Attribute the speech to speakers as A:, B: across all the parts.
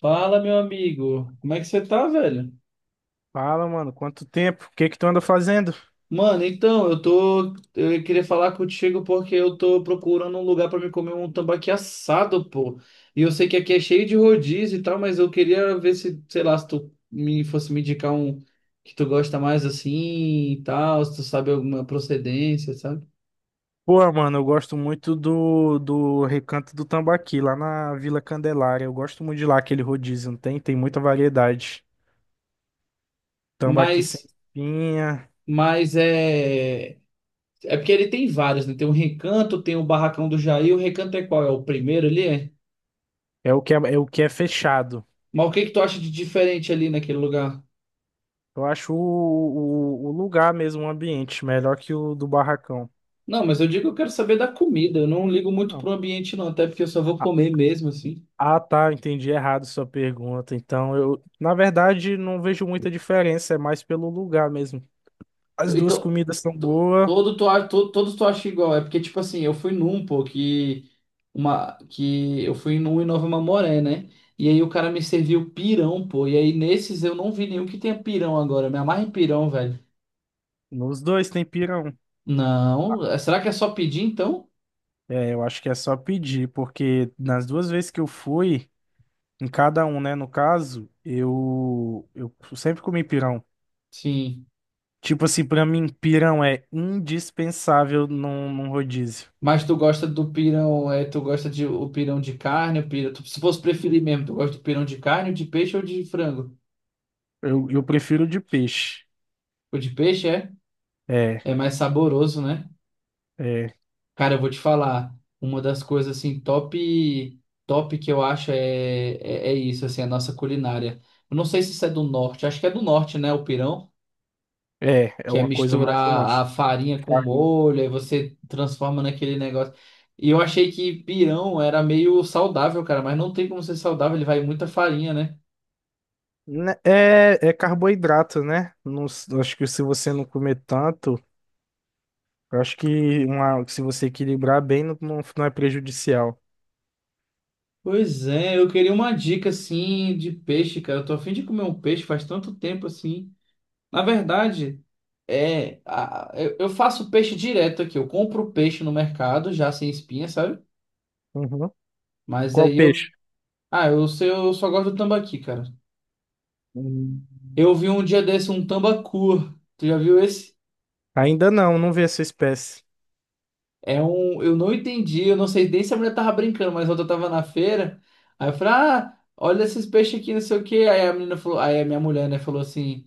A: Fala, meu amigo. Como é que você tá, velho?
B: Fala, mano, quanto tempo? O que que tu anda fazendo?
A: Mano, então, eu tô. Eu queria falar contigo porque eu tô procurando um lugar pra me comer um tambaqui assado, pô. E eu sei que aqui é cheio de rodízio e tal, mas eu queria ver se, sei lá, se tu me fosse me indicar um que tu gosta mais assim e tal, se tu sabe alguma procedência, sabe?
B: Pô, mano, eu gosto muito do Recanto do Tambaqui, lá na Vila Candelária. Eu gosto muito de lá, aquele rodízio, não tem? Tem muita variedade. Tambaqui sem
A: Mas,
B: espinha,
A: mas é. É porque ele tem vários, né? Tem o Recanto, tem o Barracão do Jair. O Recanto é qual? É o primeiro ali? É?
B: é o que é, é o que é fechado.
A: Mas o que que tu acha de diferente ali naquele lugar?
B: Eu acho o lugar mesmo, o ambiente, melhor que o do Barracão.
A: Não, mas eu digo que eu quero saber da comida. Eu não ligo muito pro
B: Não.
A: ambiente, não, até porque eu só vou
B: Ah,
A: comer mesmo, assim.
B: ah, tá, eu entendi errado sua pergunta. Então, eu, na verdade, não vejo muita diferença, é mais pelo lugar mesmo. As duas
A: Então,
B: comidas são boas.
A: todos tu acha igual. É porque, tipo assim, eu fui num, pô, que, uma, que eu fui num em Nova Mamoré, né? E aí o cara me serviu pirão, pô. E aí nesses eu não vi nenhum que tenha pirão agora. Eu Me amarra em pirão, velho.
B: Nos dois tem pirão.
A: Não, será que é só pedir então?
B: É, eu acho que é só pedir, porque nas duas vezes que eu fui, em cada um, né, no caso, eu sempre comi pirão.
A: Sim.
B: Tipo assim, pra mim, pirão é indispensável num rodízio.
A: Mas tu gosta do pirão, é, tu gosta de o pirão de carne, o pirão, se fosse preferir mesmo, tu gosta do pirão de carne, de peixe ou de frango?
B: Eu prefiro de peixe.
A: O de peixe é,
B: É,
A: é mais saboroso, né?
B: é,
A: Cara, eu vou te falar, uma das coisas assim top top que eu acho é isso, assim, a nossa culinária. Eu não sei se isso é do norte, acho que é do norte, né, o pirão,
B: é
A: que é
B: uma coisa mais ou
A: misturar a
B: menos.
A: farinha com
B: Carne.
A: molho, aí você transforma naquele negócio. E eu achei que pirão era meio saudável, cara, mas não tem como ser saudável, ele vai muita farinha, né?
B: Né, é, é carboidrato, né? Acho que se você não comer tanto, eu acho que uma, se você equilibrar bem, não, não é prejudicial.
A: Pois é, eu queria uma dica assim de peixe, cara. Eu tô a fim de comer um peixe faz tanto tempo assim. Na verdade, eu faço peixe direto aqui. Eu compro o peixe no mercado, já sem espinha, sabe?
B: Uhum.
A: Mas
B: Qual
A: aí eu.
B: peixe?
A: Ah, eu sei, eu só gosto do tambaqui, cara.
B: Hum.
A: Eu vi um dia desse um tambacu. Tu já viu esse?
B: Ainda não, não vi essa espécie.
A: É um. Eu não entendi, eu não sei nem se a mulher tava brincando, mas outra tava na feira. Aí eu falei, ah, olha esses peixes aqui, não sei o quê. Aí a menina falou, aí a minha mulher, né, falou assim: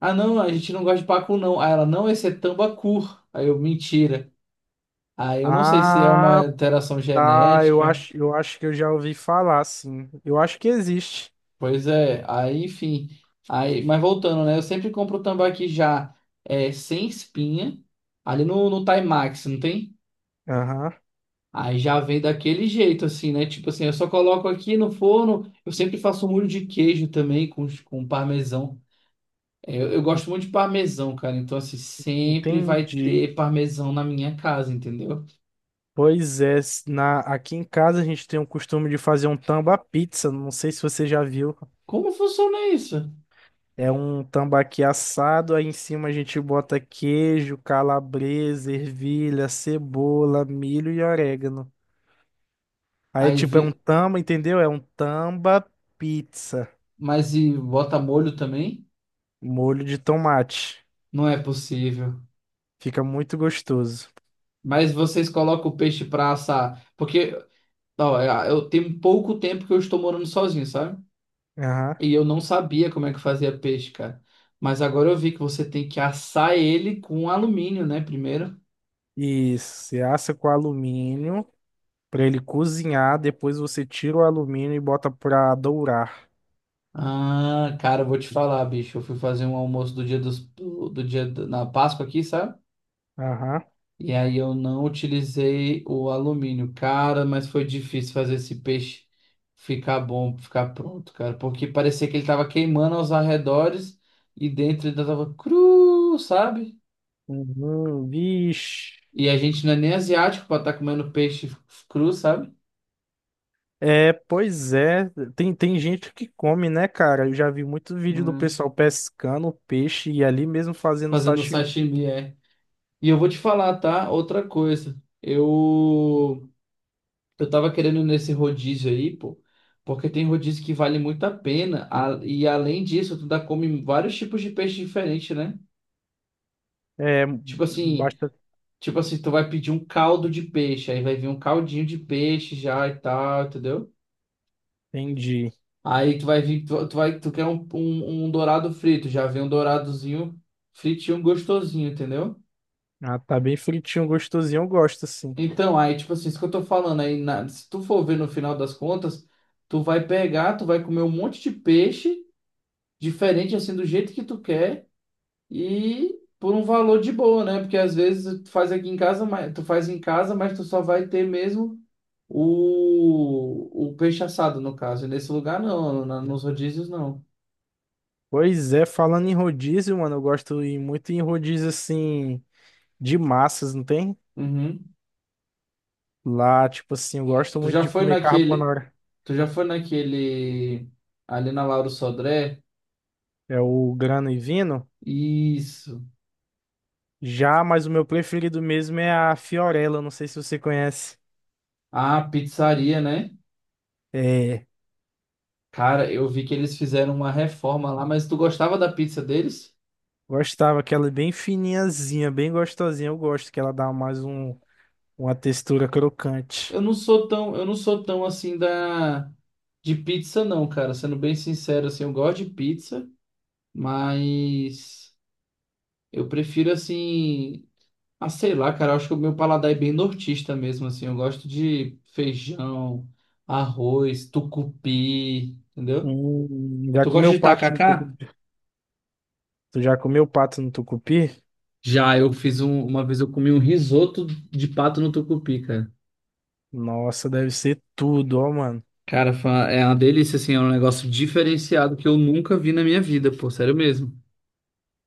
A: ah, não, a gente não gosta de pacu, não. Aí ela, não, esse é tambacu. Aí eu, mentira. Aí eu não sei se é uma
B: Ah,
A: alteração
B: tá. Eu
A: genética.
B: acho, eu acho que eu já ouvi falar, sim. Eu acho que existe.
A: Pois é, aí enfim. Aí, mas voltando, né? Eu sempre compro o tambaqui já sem espinha, ali no Timax, não tem?
B: Aham.
A: Aí já vem daquele jeito, assim, né? Tipo assim, eu só coloco aqui no forno. Eu sempre faço um molho de queijo também com parmesão. Eu gosto muito de parmesão, cara. Então, assim, sempre vai
B: Entendi.
A: ter parmesão na minha casa, entendeu?
B: Pois é, na, aqui em casa a gente tem o costume de fazer um tamba pizza, não sei se você já viu.
A: Como funciona isso?
B: É um tambaqui assado, aí em cima a gente bota queijo, calabresa, ervilha, cebola, milho e orégano. Aí é
A: Aí,
B: um
A: vi-
B: tamba, entendeu? É um tamba pizza,
A: mas e bota molho também?
B: molho de tomate.
A: Não é possível.
B: Fica muito gostoso.
A: Mas vocês colocam o peixe pra assar. Porque, ó, eu tenho pouco tempo que eu estou morando sozinho, sabe?
B: Aham.
A: E eu não sabia como é que fazia peixe, cara. Mas agora eu vi que você tem que assar ele com alumínio, né? Primeiro.
B: Isso, você assa com alumínio para ele cozinhar, depois você tira o alumínio e bota para dourar.
A: Ah, cara, eu vou te falar, bicho. Eu fui fazer um almoço do dia dos, do do dia da- na Páscoa aqui, sabe?
B: Aham.
A: E aí eu não utilizei o alumínio, cara, mas foi difícil fazer esse peixe ficar bom, ficar pronto, cara, porque parecia que ele tava queimando aos arredores e dentro ele tava cru, sabe?
B: Uhum. Vixe.
A: E a gente não é nem asiático pra estar comendo peixe cru, sabe?
B: É, pois é. Tem gente que come, né, cara? Eu já vi muito vídeo do
A: Hum.
B: pessoal pescando peixe e ali mesmo fazendo
A: Fazendo
B: sashimi.
A: sashimi, é. E eu vou te falar, tá? Outra coisa. Eu tava querendo ir nesse rodízio aí, pô, porque tem rodízio que vale muito a pena. E além disso, tu dá come vários tipos de peixe diferente, né?
B: É,
A: Tipo assim,
B: basta.
A: tipo assim, tu vai pedir um caldo de peixe, aí vai vir um caldinho de peixe já e tal, entendeu?
B: Entendi.
A: Aí tu vai vir, tu vai, tu quer um, dourado frito, já vem um douradozinho fritinho gostosinho, entendeu?
B: Ah, tá bem fritinho, gostosinho. Eu gosto, assim.
A: Então, aí, tipo assim, isso que eu tô falando aí, se tu for ver no final das contas, tu vai pegar, tu vai comer um monte de peixe. Diferente assim do jeito que tu quer e por um valor de boa, né? Porque às vezes tu faz aqui em casa, mas tu faz em casa, mas tu só vai ter mesmo o peixe assado no caso. E nesse lugar não, nos rodízios não.
B: Pois é, falando em rodízio, mano, eu gosto e muito em rodízio, assim, de massas, não tem?
A: Uhum.
B: Lá, tipo assim, eu gosto
A: Tu
B: muito
A: já
B: de
A: foi
B: comer
A: naquele,
B: carbonara.
A: tu já foi naquele ali na Lauro Sodré?
B: É o grano e vino.
A: Isso.
B: Já, mas o meu preferido mesmo é a Fiorella, não sei se você conhece.
A: Ah, pizzaria, né?
B: É,
A: Cara, eu vi que eles fizeram uma reforma lá, mas tu gostava da pizza deles?
B: gostava que ela é bem fininhazinha, bem gostosinha. Eu gosto que ela dá mais um, uma textura crocante.
A: Eu não sou tão assim da de pizza não, cara. Sendo bem sincero, assim, eu gosto de pizza, mas eu prefiro assim, ah, sei lá, cara, eu acho que o meu paladar é bem nortista mesmo, assim. Eu gosto de feijão, arroz, tucupi, entendeu?
B: Já
A: Tu gosta
B: comeu
A: de
B: pato no
A: tacacá?
B: tucupi? Tu já comeu pato no tucupi?
A: Já, uma vez eu comi um risoto de pato no tucupi, cara.
B: Nossa, deve ser tudo, ó, mano.
A: Cara, é uma delícia, assim, é um negócio diferenciado que eu nunca vi na minha vida, pô, sério mesmo.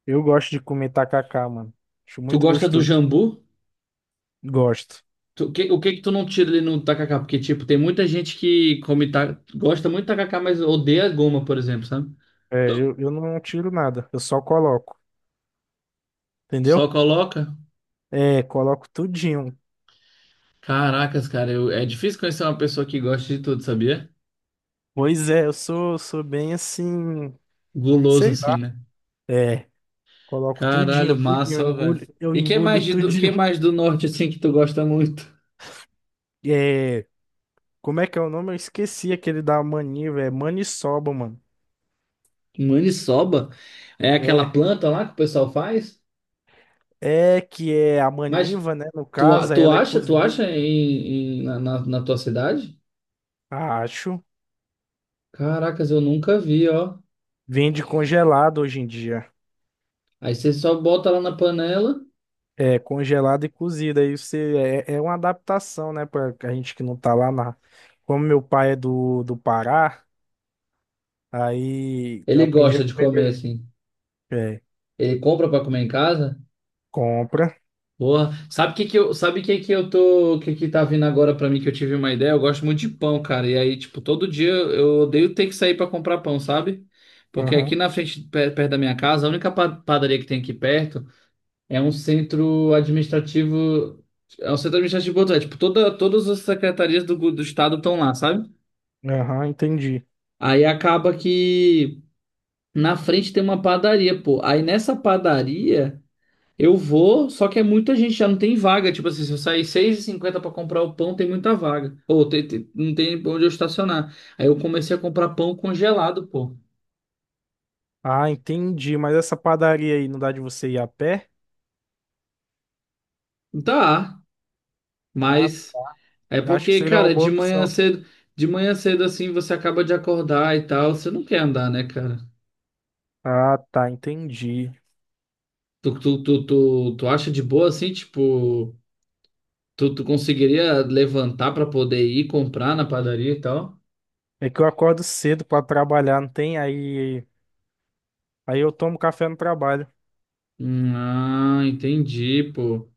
B: Eu gosto de comer tacacá, mano. Acho
A: Tu
B: muito
A: gosta do
B: gostoso.
A: jambu?
B: Gosto.
A: O o que que tu não tira ali no tacacá? Porque, tipo, tem muita gente que come gosta muito de tacacá, mas odeia goma, por exemplo, sabe?
B: É, eu não tiro nada, eu só coloco,
A: Só
B: entendeu?
A: coloca.
B: É, coloco tudinho.
A: Caracas, cara, é difícil conhecer uma pessoa que gosta de tudo, sabia?
B: Pois é, eu sou bem assim.
A: Guloso
B: Sei
A: assim,
B: lá.
A: né?
B: É, coloco tudinho,
A: Caralho,
B: tudinho,
A: massa, ó, velho.
B: eu
A: E
B: engulho
A: que
B: tudinho.
A: mais do norte assim que tu gosta muito?
B: É, como é que é o nome? Eu esqueci aquele da maniva, é maniçoba, mano.
A: Maniçoba? É aquela
B: É,
A: planta lá que o pessoal faz?
B: é que é a
A: Mas
B: maniva, né? No caso, aí ela é
A: tu acha
B: cozida.
A: na tua cidade?
B: Acho.
A: Caracas, eu nunca vi, ó.
B: Vende congelado hoje em dia.
A: Aí você só bota lá na panela.
B: É, congelado e cozida. Aí você, é, é uma adaptação, né? Pra a gente que não tá lá na. Como meu pai é do Pará, aí eu
A: Ele
B: aprendi a
A: gosta de comer
B: comer.
A: assim.
B: É,
A: Ele compra pra comer em casa?
B: compra.
A: Porra, sabe o que que eu, sabe o que que eu tô, o que que tá vindo agora pra mim que eu tive uma ideia? Eu gosto muito de pão, cara. E aí, tipo, todo dia eu odeio ter que sair pra comprar pão, sabe? Porque
B: Aham,
A: aqui na frente, perto da minha casa, a única padaria que tem aqui perto é um centro administrativo, é um centro administrativo, é, tipo, todas as secretarias do estado estão lá, sabe?
B: aham, entendi.
A: Aí acaba que. Na frente tem uma padaria, pô. Aí nessa padaria eu vou, só que é muita gente, já não tem vaga. Tipo assim, se eu sair 6:50 pra comprar o pão, tem muita vaga. Ou não tem onde eu estacionar. Aí eu comecei a comprar pão congelado, pô.
B: Ah, entendi. Mas essa padaria aí não dá de você ir a pé?
A: Tá,
B: Ah,
A: mas é
B: acho que
A: porque,
B: seria uma
A: cara,
B: boa opção.
A: de manhã cedo assim, você acaba de acordar e tal, você não quer andar, né, cara?
B: Ah, tá, entendi.
A: Tu acha de boa assim, tipo, tu conseguiria levantar pra poder ir comprar na padaria e tal?
B: É que eu acordo cedo pra trabalhar, não tem? Aí eu tomo café no trabalho
A: Hum. Ah, entendi, pô.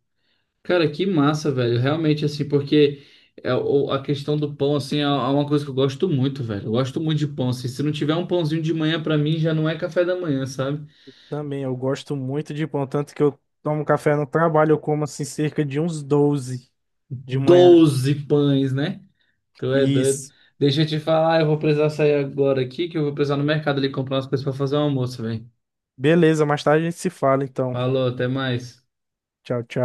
A: Cara, que massa, velho. Realmente, assim, porque a questão do pão, assim, é uma coisa que eu gosto muito, velho. Eu gosto muito de pão, assim. Se não tiver um pãozinho de manhã, pra mim, já não é café da manhã, sabe?
B: também. Eu gosto muito de pão, tanto que eu tomo café no trabalho, eu como assim cerca de uns 12 de manhã.
A: 12 pães, né? Tu é doido.
B: Isso.
A: Deixa eu te falar, eu vou precisar sair agora aqui, que eu vou precisar no mercado ali comprar umas coisas pra fazer o almoço, velho.
B: Beleza, mais tarde a gente se fala então.
A: Falou, até mais.
B: Tchau, tchau.